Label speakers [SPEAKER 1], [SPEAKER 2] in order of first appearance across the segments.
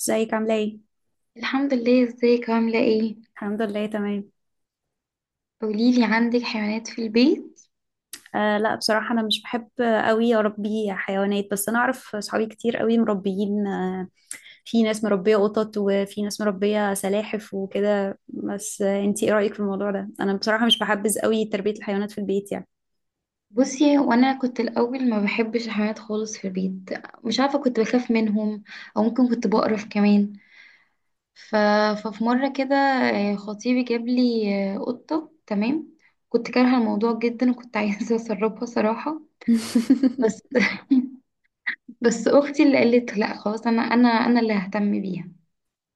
[SPEAKER 1] ازيك عامله ايه؟
[SPEAKER 2] الحمد لله، ازيك عاملة ايه؟
[SPEAKER 1] الحمد لله، تمام.
[SPEAKER 2] قوليلي، عندك حيوانات في البيت؟
[SPEAKER 1] آه، لا، بصراحه انا مش بحب قوي اربي حيوانات، بس انا اعرف صحابي كتير قوي مربيين. في ناس مربيه قطط، وفي ناس مربيه سلاحف وكده. بس انتي ايه رايك في الموضوع ده؟ انا بصراحه مش بحبذ قوي تربيه الحيوانات في البيت يعني.
[SPEAKER 2] بصي، وانا كنت الاول ما بحبش الحيوانات خالص في البيت. مش عارفة، كنت بخاف منهم او ممكن كنت بقرف كمان. ف... ففي مرة كده خطيبي جاب لي قطة. تمام، كنت كارهة الموضوع جدا وكنت عايزة اسربها صراحة. بس بس اختي اللي قالت لا خلاص، انا اللي ههتم بيها.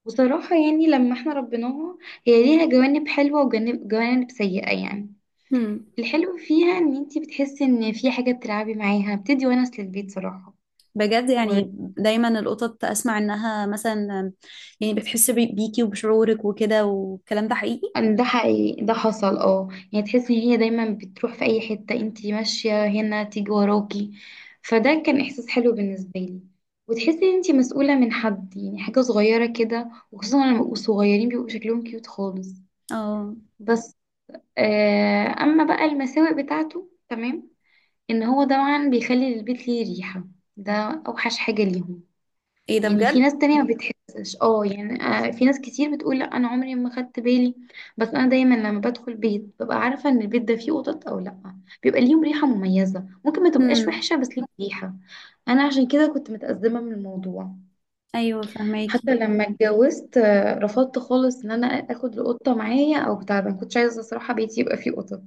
[SPEAKER 2] وصراحة يعني لما احنا ربيناها، هي ليها جوانب حلوة وجوانب سيئة يعني.
[SPEAKER 1] مم.
[SPEAKER 2] الحلو فيها ان انتي بتحسي ان في حاجة بتلعبي معاها، بتدي ونس للبيت صراحة،
[SPEAKER 1] بجد؟ يعني دايما القطط اسمع انها مثلا يعني بتحس بيكي وبشعورك وكده، والكلام ده حقيقي؟
[SPEAKER 2] وده حقيقي، ده حصل يعني تحسي ان هي دايما بتروح في اي حتة انتي ماشية، هنا تيجي وراكي. فده كان احساس حلو بالنسبة لي، وتحسي ان انتي مسؤولة من حد، يعني حاجة صغيرة كده، وخصوصا لما بيبقوا صغيرين بيبقوا شكلهم كيوت خالص.
[SPEAKER 1] اه.
[SPEAKER 2] بس اما بقى المساوئ بتاعته، تمام، ان هو طبعا بيخلي البيت ليه ريحة. ده اوحش حاجة ليهم.
[SPEAKER 1] ايه ده
[SPEAKER 2] يعني في
[SPEAKER 1] بجد!
[SPEAKER 2] ناس تانية ما بتحسش، يعني في ناس كتير بتقول لا انا عمري ما خدت بالي. بس انا دايما لما بدخل بيت ببقى عارفة ان البيت ده فيه قطط او لا. بيبقى ليهم ريحة مميزة، ممكن ما تبقاش
[SPEAKER 1] امم.
[SPEAKER 2] وحشة بس ليهم ريحة. انا عشان كده كنت متأزمة من الموضوع.
[SPEAKER 1] ايوه، فهماكي.
[SPEAKER 2] حتى لما اتجوزت رفضت خالص ان انا اخد القطة معايا او بتاع، ما كنتش عايزة الصراحة بيتي يبقى فيه قطط.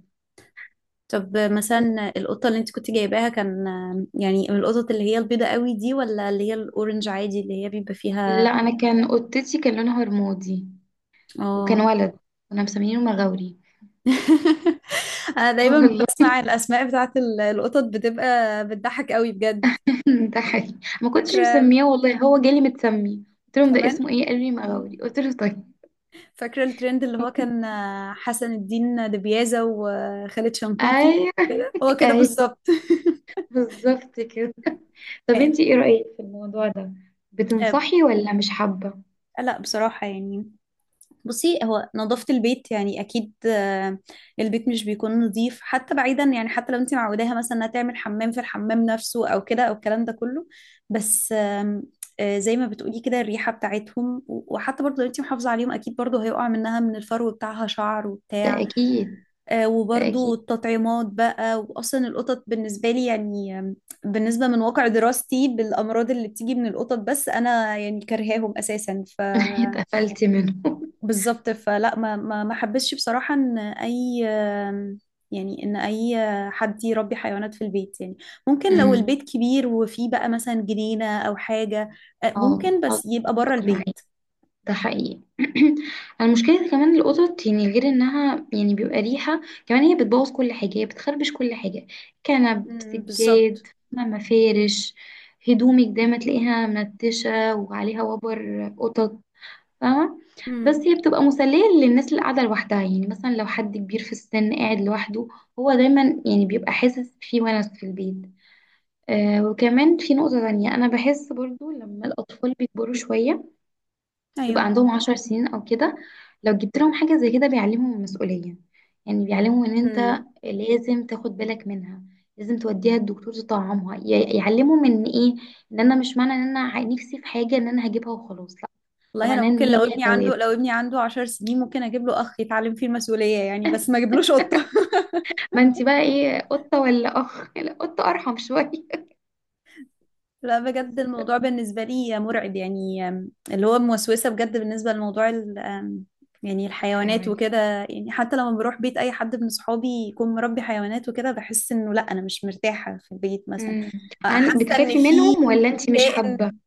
[SPEAKER 1] طب
[SPEAKER 2] بس
[SPEAKER 1] مثلا القطة اللي انت كنت جايباها كان يعني من القطط اللي هي البيضة قوي دي، ولا اللي هي الأورنج عادي اللي هي بيبقى
[SPEAKER 2] لا،
[SPEAKER 1] فيها؟
[SPEAKER 2] انا كان قطتي كان لونها رمادي وكان
[SPEAKER 1] اه.
[SPEAKER 2] ولد، كنا مسمينه مغاوري.
[SPEAKER 1] انا دايما
[SPEAKER 2] والله
[SPEAKER 1] بسمع الاسماء بتاعت القطط بتبقى بتضحك قوي بجد.
[SPEAKER 2] ده حقيقي، ما كنتش
[SPEAKER 1] فاكرة ال-
[SPEAKER 2] مسمياه والله، هو جالي متسمي، قلت لهم ده
[SPEAKER 1] كمان،
[SPEAKER 2] اسمه ايه، قالوا لي مغاوري، قلت له طيب.
[SPEAKER 1] فاكرة الترند اللي هو كان حسن الدين دبيازة وخالد شنقيطي؟
[SPEAKER 2] ايوه،
[SPEAKER 1] كده، هو كده
[SPEAKER 2] ايوه،
[SPEAKER 1] بالظبط.
[SPEAKER 2] بالظبط كده. طب انتي ايه رأيك في الموضوع ده؟
[SPEAKER 1] آه،
[SPEAKER 2] بتنصحي ولا مش حابة؟
[SPEAKER 1] لا بصراحة يعني، بصي هو نظافة البيت يعني أكيد. البيت مش بيكون نظيف، حتى بعيدا يعني حتى لو أنت معوداها مثلا إنها تعمل حمام في الحمام نفسه أو كده أو الكلام ده كله، بس زي ما بتقولي كده الريحة بتاعتهم، وحتى برضه لو أنت محافظة عليهم، أكيد برضه هيقع منها من الفرو بتاعها شعر
[SPEAKER 2] ده
[SPEAKER 1] وبتاع.
[SPEAKER 2] اكيد. ده
[SPEAKER 1] وبرضه
[SPEAKER 2] اكيد.
[SPEAKER 1] التطعيمات بقى، وأصلا القطط بالنسبة لي يعني بالنسبة من واقع دراستي بالأمراض اللي بتيجي من القطط، بس أنا يعني كرهاهم أساسا، ف
[SPEAKER 2] اتقفلتي منه.
[SPEAKER 1] بالظبط. فلا، ما حبسش بصراحة ان اي، يعني ان اي حد يربي حيوانات في البيت يعني. ممكن لو
[SPEAKER 2] امم.
[SPEAKER 1] البيت كبير وفيه بقى مثلا جنينة او حاجة،
[SPEAKER 2] اه
[SPEAKER 1] ممكن، بس يبقى بره
[SPEAKER 2] اتفق معاكي.
[SPEAKER 1] البيت.
[SPEAKER 2] ده حقيقي. المشكلة كمان، القطط يعني غير انها يعني بيبقى ريحة، كمان هي بتبوظ كل حاجة، هي بتخربش كل حاجة، كنب،
[SPEAKER 1] امم، بالظبط.
[SPEAKER 2] سجاد، ما مفارش، هدومك دايما تلاقيها منتشة وعليها وبر قطط، فاهمة. بس
[SPEAKER 1] امم.
[SPEAKER 2] هي بتبقى مسلية للناس اللي قاعدة لوحدها، يعني مثلا لو حد كبير في السن قاعد لوحده، هو دايما يعني بيبقى حاسس في ونس في البيت. وكمان في نقطة تانية، أنا بحس برضو لما الأطفال بيكبروا شوية، بيبقى
[SPEAKER 1] ايوه.
[SPEAKER 2] عندهم 10 سنين او كده، لو جبت لهم حاجة زي كده بيعلمهم المسؤولية. يعني بيعلمهم ان
[SPEAKER 1] امم.
[SPEAKER 2] انت لازم تاخد بالك منها، لازم توديها الدكتور تطعمها، يعلمهم ان ايه، ان انا مش معنى ان انا نفسي في حاجة ان انا هجيبها وخلاص لا، ده
[SPEAKER 1] والله انا
[SPEAKER 2] معناه ان
[SPEAKER 1] ممكن،
[SPEAKER 2] هي
[SPEAKER 1] لو
[SPEAKER 2] ليها
[SPEAKER 1] ابني
[SPEAKER 2] توابع.
[SPEAKER 1] عنده لو ابني عنده 10 سنين، ممكن اجيب له اخ يتعلم فيه المسؤولية يعني، بس ما اجيبلوش قطة.
[SPEAKER 2] ما انت بقى ايه قطة ولا اخ لا قطة ارحم شوية.
[SPEAKER 1] لا بجد،
[SPEAKER 2] بس
[SPEAKER 1] الموضوع بالنسبة لي مرعب يعني. اللي هو موسوسة بجد بالنسبة لموضوع ال- أم، يعني الحيوانات
[SPEAKER 2] الحيوانات.
[SPEAKER 1] وكده. يعني حتى لما بروح بيت أي حد من صحابي يكون مربي حيوانات وكده، بحس إنه لا، أنا مش مرتاحة في البيت مثلا.
[SPEAKER 2] امم.
[SPEAKER 1] حاسة إن
[SPEAKER 2] بتخافي
[SPEAKER 1] في،
[SPEAKER 2] منهم ولا
[SPEAKER 1] في
[SPEAKER 2] انت مش حابة؟
[SPEAKER 1] كائن.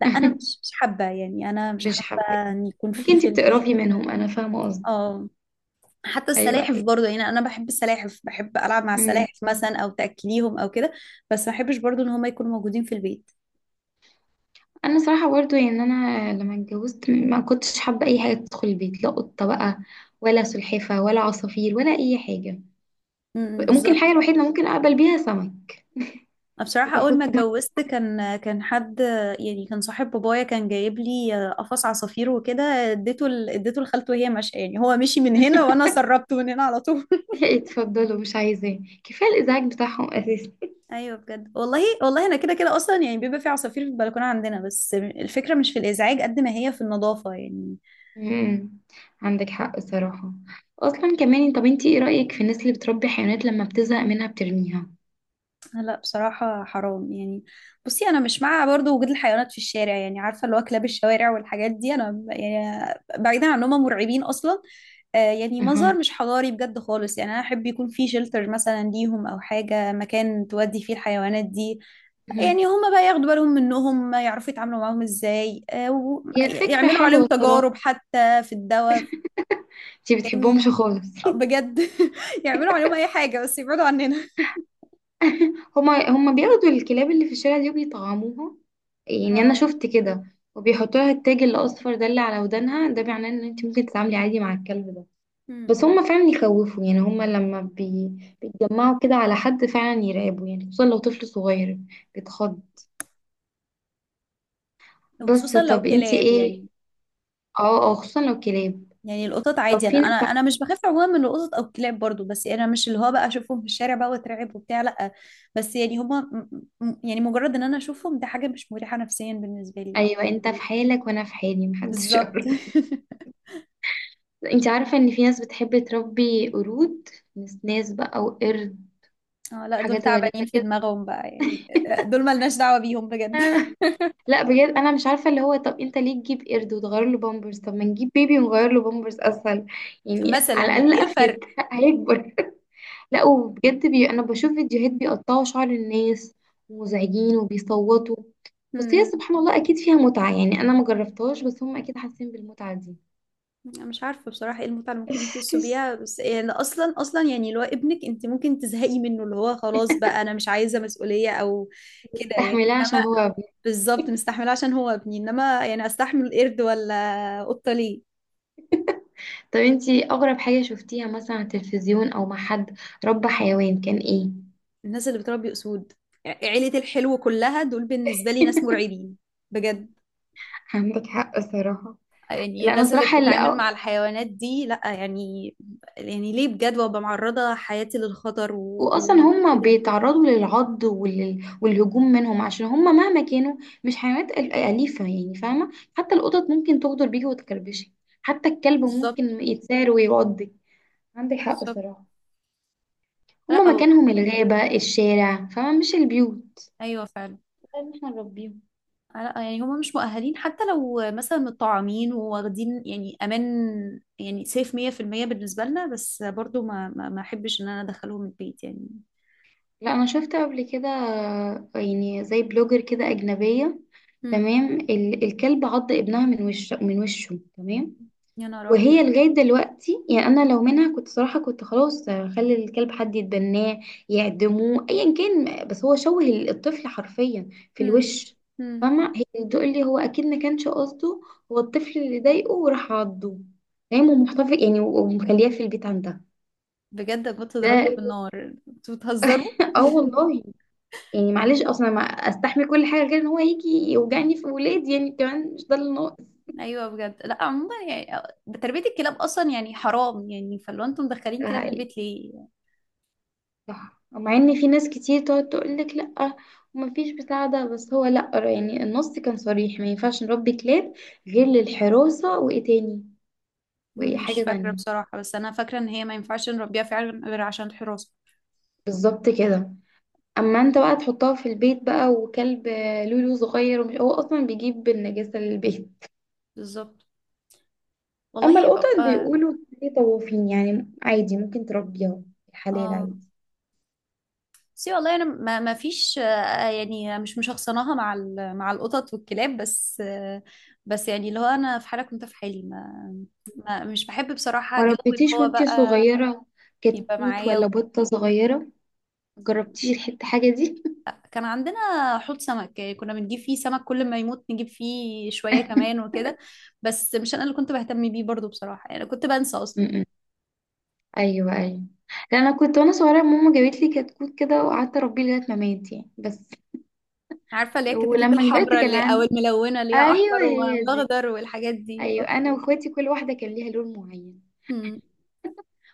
[SPEAKER 1] لا، أنا مش حابة يعني، أنا مش
[SPEAKER 2] مش
[SPEAKER 1] حابة
[SPEAKER 2] حابة.
[SPEAKER 1] إن يكون
[SPEAKER 2] ممكن
[SPEAKER 1] في
[SPEAKER 2] انت
[SPEAKER 1] في البيت.
[SPEAKER 2] بتقرفي منهم، انا فاهمة قصدي.
[SPEAKER 1] اه. حتى
[SPEAKER 2] ايوه،
[SPEAKER 1] السلاحف برضه، يعني أنا بحب السلاحف، بحب ألعب مع
[SPEAKER 2] ايوه.
[SPEAKER 1] السلاحف مثلا أو تأكليهم أو كده، بس ما بحبش برضه إن هما يكونوا موجودين في البيت.
[SPEAKER 2] انا صراحه برضو يعني، انا لما اتجوزت ما كنتش حابه اي حاجه تدخل البيت، لا قطه بقى ولا سلحفه ولا عصافير ولا اي حاجه.
[SPEAKER 1] م- م،
[SPEAKER 2] ممكن الحاجه
[SPEAKER 1] بالظبط.
[SPEAKER 2] الوحيده اللي ممكن اقبل بيها سمك.
[SPEAKER 1] أنا بصراحة
[SPEAKER 2] يبقى
[SPEAKER 1] أول ما
[SPEAKER 2] حوض سمك.
[SPEAKER 1] اتجوزت كان حد، يعني كان صاحب بابايا كان جايب لي قفص عصافير وكده. اديته لخالته وهي ماشية، يعني هو مشي من هنا وأنا سربته من هنا على طول.
[SPEAKER 2] اتفضلوا مش عايزاه، كفايه الازعاج بتاعهم اساسا.
[SPEAKER 1] أيوه بجد، والله والله. أنا كده كده أصلا يعني، بيبقى في عصافير في البلكونة عندنا، بس الفكرة مش في الإزعاج قد ما هي في النظافة يعني.
[SPEAKER 2] امم، عندك حق صراحه. اصلا كمان، طب انتي ايه رايك في الناس اللي بتربي حيوانات لما بتزهق منها بترميها؟
[SPEAKER 1] لا بصراحة حرام يعني. بصي أنا مش مع برضو وجود الحيوانات في الشارع يعني، عارفة اللي هو كلاب الشوارع والحاجات دي، أنا يعني بعيدا عن إنهم مرعبين أصلا، يعني
[SPEAKER 2] اها.
[SPEAKER 1] منظر مش حضاري بجد خالص. يعني أنا أحب يكون في شلتر مثلا ليهم، أو حاجة مكان تودي فيه الحيوانات دي،
[SPEAKER 2] أها.
[SPEAKER 1] يعني هما بقى ياخدوا بالهم منهم، يعرفوا يتعاملوا معاهم إزاي،
[SPEAKER 2] هي فكره
[SPEAKER 1] ويعملوا عليهم
[SPEAKER 2] حلوه صراحه.
[SPEAKER 1] تجارب حتى في الدواء،
[SPEAKER 2] انتي
[SPEAKER 1] يعني
[SPEAKER 2] بتحبهمش خالص؟
[SPEAKER 1] بجد. يعملوا عليهم أي حاجة، بس يبعدوا عننا.
[SPEAKER 2] هما بياخدوا الكلاب اللي في الشارع دي وبيطعموها، يعني انا
[SPEAKER 1] اه،
[SPEAKER 2] شفت كده، وبيحطوا لها التاج الاصفر ده اللي على ودانها، ده معناه ان انت ممكن تتعاملي عادي مع الكلب ده. بس هما فعلا يخوفوا، يعني هما لما بيتجمعوا كده على حد فعلا يرعبوا، يعني خصوصا لو طفل صغير بيتخض. بس
[SPEAKER 1] وخصوصا لو
[SPEAKER 2] طب انت
[SPEAKER 1] كلاب
[SPEAKER 2] ايه؟
[SPEAKER 1] يعني.
[SPEAKER 2] اه، اه، خصوصا لو كلاب.
[SPEAKER 1] يعني القطط
[SPEAKER 2] طب
[SPEAKER 1] عادي، انا
[SPEAKER 2] فين؟
[SPEAKER 1] انا انا مش بخاف عموما من القطط او الكلاب برضو، بس انا مش اللي هو بقى اشوفهم في الشارع بقى واترعب وبتاع، لا. بس يعني هما م-، يعني مجرد ان انا اشوفهم ده حاجة مش مريحة نفسيا بالنسبة لي.
[SPEAKER 2] ايوه، انت في حالك وانا في حالي، محدش
[SPEAKER 1] بالظبط.
[SPEAKER 2] يعرف. انت عارفه ان في ناس بتحب تربي قرود؟ نسناس بقى وقرد،
[SPEAKER 1] اه لا، دول
[SPEAKER 2] حاجات
[SPEAKER 1] تعبانين
[SPEAKER 2] غريبه
[SPEAKER 1] في دماغهم بقى يعني، دول ملناش دعوة بيهم بجد.
[SPEAKER 2] كده. لا بجد انا مش عارفه، اللي هو طب انت ليه تجيب قرد وتغير له بامبرز؟ طب ما نجيب بيبي ونغير له بامبرز اسهل، يعني
[SPEAKER 1] مثلا
[SPEAKER 2] على الاقل
[SPEAKER 1] ايه
[SPEAKER 2] افيد هيكبر. لا وبجد، انا بشوف فيديوهات بيقطعوا شعر الناس، ومزعجين وبيصوتوا، بس هي
[SPEAKER 1] الفرق؟
[SPEAKER 2] سبحان الله اكيد فيها متعه يعني، انا ما جربتهاش بس هم اكيد حاسين بالمتعه دي.
[SPEAKER 1] أنا مش عارفة بصراحة ايه المتعة اللي ممكن يحسوا بيها، بس يعني اصلا اصلا يعني اللي هو ابنك انت ممكن تزهقي منه، اللي هو خلاص بقى انا مش عايزة مسؤولية او كده يعني،
[SPEAKER 2] استحملها عشان
[SPEAKER 1] انما
[SPEAKER 2] هو ابني.
[SPEAKER 1] بالظبط، مستحملة عشان هو ابني. انما يعني استحمل قرد ولا قطة ليه؟
[SPEAKER 2] طب انتي اغرب حاجه شفتيها مثلا على التلفزيون او مع حد ربى حيوان كان ايه؟
[SPEAKER 1] الناس اللي بتربي اسود، يعني عيلة الحلو كلها، دول بالنسبة لي ناس مرعبين بجد.
[SPEAKER 2] عندك حق صراحه.
[SPEAKER 1] يعني
[SPEAKER 2] لا انا
[SPEAKER 1] الناس اللي
[SPEAKER 2] صراحه،
[SPEAKER 1] بتتعامل مع الحيوانات دي لا يعني، يعني ليه بجد؟ وابقى معرضة حياتي للخطر
[SPEAKER 2] واصلا هم
[SPEAKER 1] وكده.
[SPEAKER 2] بيتعرضوا للعض والهجوم منهم، عشان هم مهما كانوا مش حيوانات اليفه يعني، فاهمه، حتى القطط ممكن تغدر بيكي وتكربشي، حتى الكلب
[SPEAKER 1] بالظبط.
[SPEAKER 2] ممكن يتسار ويعضك. عندك حق
[SPEAKER 1] بالظبط.
[SPEAKER 2] صراحه.
[SPEAKER 1] لا
[SPEAKER 2] هم
[SPEAKER 1] أو...
[SPEAKER 2] مكانهم الغابه، الشارع، فاهمه، مش البيوت.
[SPEAKER 1] ايوه فعلا.
[SPEAKER 2] طيب احنا نربيهم؟
[SPEAKER 1] لا يعني هما مش مؤهلين، حتى لو مثلا متطعمين وواخدين يعني امان، يعني سيف 100% بالنسبة لنا، بس برضو ما احبش ان انا ادخلهم البيت يعني.
[SPEAKER 2] لا، انا شفت قبل كده يعني زي بلوجر كده اجنبيه،
[SPEAKER 1] امم.
[SPEAKER 2] تمام، الكلب عض ابنها من وشه، من وشه، تمام،
[SPEAKER 1] يا نهار ابيض!
[SPEAKER 2] وهي لغاية دلوقتي، يعني أنا لو منها كنت صراحة كنت خلاص خلي الكلب حد يتبناه، يعدموه، أيا كان، بس هو شوه الطفل حرفيا في
[SPEAKER 1] امم.
[SPEAKER 2] الوش،
[SPEAKER 1] امم.
[SPEAKER 2] فاهمة. هي بتقول لي هو أكيد ما كانش قصده، هو الطفل اللي ضايقه وراح عضه، فاهم، ومحتفظ يعني ومخلياه في البيت عندها.
[SPEAKER 1] بجد كنت ضربته
[SPEAKER 2] ده
[SPEAKER 1] بالنار، انتوا بتهزروا!
[SPEAKER 2] اه والله. يعني معلش، اصلا ما استحمل كل حاجه غير ان هو يجي يوجعني في ولادي، يعني كمان مش ده اللي
[SPEAKER 1] ايوه بجد. لا عموما يعني، تربية الكلاب اصلا يعني حرام يعني، فلو انتم مدخلين كلاب
[SPEAKER 2] ناقص.
[SPEAKER 1] البيت ليه؟
[SPEAKER 2] صح، مع ان في ناس كتير تقعد تقولك لا ومفيش مساعدة، بس هو لا، يعني النص كان صريح ما ينفعش نربي كلاب غير للحراسة، وايه تاني؟ وايه
[SPEAKER 1] مش
[SPEAKER 2] حاجة
[SPEAKER 1] فاكرة
[SPEAKER 2] تانية؟
[SPEAKER 1] بصراحة، بس انا فاكرة ان هي ما ينفعش نربيها فعلا غير عشان الحراسة.
[SPEAKER 2] بالظبط كده. اما انت بقى تحطها في البيت بقى وكلب لولو صغير، ومش هو اصلا بيجيب النجاسة للبيت؟
[SPEAKER 1] بالظبط.
[SPEAKER 2] اما
[SPEAKER 1] والله.
[SPEAKER 2] القطط،
[SPEAKER 1] اه.
[SPEAKER 2] بيقولوا ليه طوافين، يعني عادي ممكن تربيها، الحلال
[SPEAKER 1] آه.
[SPEAKER 2] عادي.
[SPEAKER 1] سي والله، انا ما فيش، يعني مش مشخصناها مع مع القطط والكلاب، بس بس يعني اللي هو انا في حاله، كنت في حالي ما، مش بحب بصراحه
[SPEAKER 2] ما
[SPEAKER 1] جو اللي
[SPEAKER 2] ربيتيش
[SPEAKER 1] هو
[SPEAKER 2] وانتي
[SPEAKER 1] بقى
[SPEAKER 2] صغيرة
[SPEAKER 1] يبقى
[SPEAKER 2] كتكوت
[SPEAKER 1] معايا
[SPEAKER 2] ولا
[SPEAKER 1] وكده.
[SPEAKER 2] بطة صغيرة؟ جربتيش الحتة حاجة دي؟
[SPEAKER 1] كان عندنا حوض سمك، يعني كنا بنجيب فيه سمك، كل ما يموت نجيب فيه شويه كمان وكده، بس مش انا اللي كنت بهتم بيه برضو بصراحه، يعني كنت بنسى اصلا.
[SPEAKER 2] ايوه، ايوه، لأن انا كنت وانا صغيره ماما جابت لي كتكوت كده، وقعدت اربيه لغايه ما مات يعني. بس
[SPEAKER 1] عارفه اللي هي الكتاكيت
[SPEAKER 2] ولما كبرت
[SPEAKER 1] الحمراء
[SPEAKER 2] كان
[SPEAKER 1] اللي، او
[SPEAKER 2] عندي.
[SPEAKER 1] الملونه اللي هي احمر
[SPEAKER 2] ايوه هي دي.
[SPEAKER 1] واخضر والحاجات دي؟
[SPEAKER 2] ايوه، انا واخواتي كل واحده كان ليها لون معين،
[SPEAKER 1] مم.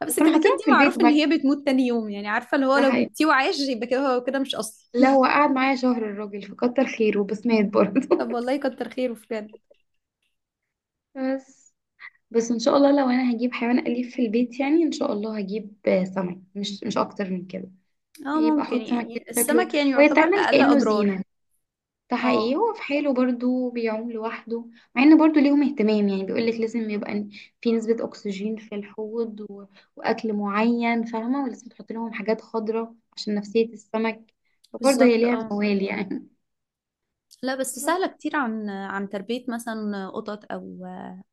[SPEAKER 1] بس
[SPEAKER 2] وكنا
[SPEAKER 1] كده كده
[SPEAKER 2] حاطينهم
[SPEAKER 1] دي
[SPEAKER 2] في
[SPEAKER 1] معروف
[SPEAKER 2] البيت
[SPEAKER 1] ان
[SPEAKER 2] بقى.
[SPEAKER 1] هي بتموت تاني يوم، يعني عارفه اللي هو
[SPEAKER 2] ده
[SPEAKER 1] لو
[SPEAKER 2] حقيقي.
[SPEAKER 1] جبتيه وعاش يبقى كده، هو كده مش اصلي.
[SPEAKER 2] لا، هو قعد معايا شهر الراجل، فكتر خيره، بس مات برضه.
[SPEAKER 1] طب والله كتر خيره بجد.
[SPEAKER 2] بس، بس ان شاء الله لو انا هجيب حيوان اليف في البيت يعني، ان شاء الله هجيب سمك، مش اكتر من كده.
[SPEAKER 1] اه
[SPEAKER 2] يبقى
[SPEAKER 1] ممكن،
[SPEAKER 2] احط سمك كده
[SPEAKER 1] يعني
[SPEAKER 2] شكله
[SPEAKER 1] السمك يعني يعتبر
[SPEAKER 2] ويتعمل
[SPEAKER 1] اقل
[SPEAKER 2] كانه
[SPEAKER 1] اضرار.
[SPEAKER 2] زينه. ده حقيقي،
[SPEAKER 1] اه.
[SPEAKER 2] هو في حاله برضو بيعوم لوحده، مع ان برضو ليهم اهتمام يعني، بيقولك لازم يبقى في نسبة اكسجين في الحوض واكل معين، فاهمة، ولازم تحط لهم حاجات خضراء عشان نفسية السمك، فبرضه هي
[SPEAKER 1] بالظبط
[SPEAKER 2] ليها
[SPEAKER 1] اه.
[SPEAKER 2] موال يعني.
[SPEAKER 1] لا بس
[SPEAKER 2] بس
[SPEAKER 1] سهلة كتير، عن تربية مثلا قطط أو،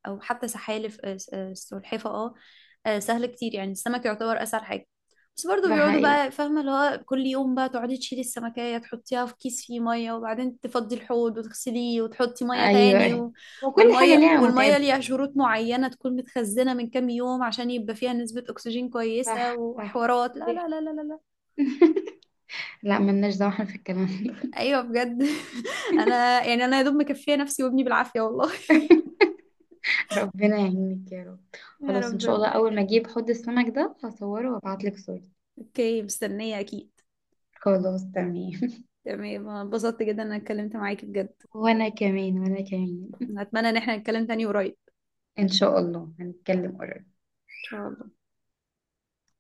[SPEAKER 1] أو حتى سحالف. سلحفة، اه. سهل كتير، يعني السمك يعتبر أسهل حاجة. بس برضو
[SPEAKER 2] ده
[SPEAKER 1] بيقعدوا
[SPEAKER 2] حقيقي،
[SPEAKER 1] بقى، فاهمة اللي هو كل يوم بقى تقعدي تشيلي السمكية تحطيها في كيس فيه مية، وبعدين تفضي الحوض وتغسليه وتحطي مية تاني
[SPEAKER 2] ايوه،
[SPEAKER 1] و...
[SPEAKER 2] وكل حاجة
[SPEAKER 1] والمية
[SPEAKER 2] ليها
[SPEAKER 1] والمية
[SPEAKER 2] متعبة.
[SPEAKER 1] ليها شروط معينة، تكون متخزنة من كام يوم عشان يبقى فيها نسبة أكسجين كويسة
[SPEAKER 2] صح، صح،
[SPEAKER 1] وحوارات، لا
[SPEAKER 2] دي
[SPEAKER 1] لا
[SPEAKER 2] حاجة.
[SPEAKER 1] لا لا لا لا.
[SPEAKER 2] لا ملناش دعوة احنا في الكلام ده.
[SPEAKER 1] أيوة بجد. أنا يعني، أنا يا دوب مكفية نفسي وابني بالعافية والله.
[SPEAKER 2] ربنا يعينك يا رب.
[SPEAKER 1] يا
[SPEAKER 2] خلاص، ان
[SPEAKER 1] رب،
[SPEAKER 2] شاء الله
[SPEAKER 1] ربنا
[SPEAKER 2] اول ما
[SPEAKER 1] يخليك.
[SPEAKER 2] اجيب حوض السمك ده هصوره وابعتلك صورة.
[SPEAKER 1] اوكي، مستنية اكيد.
[SPEAKER 2] خلاص تمام.
[SPEAKER 1] تمام. أنا اتبسطت جدا ان انا اتكلمت معاكي بجد،
[SPEAKER 2] وانا كمان، وانا كمان.
[SPEAKER 1] اتمنى ان احنا نتكلم تاني قريب
[SPEAKER 2] ان شاء الله هنتكلم قريب.
[SPEAKER 1] ان شاء الله.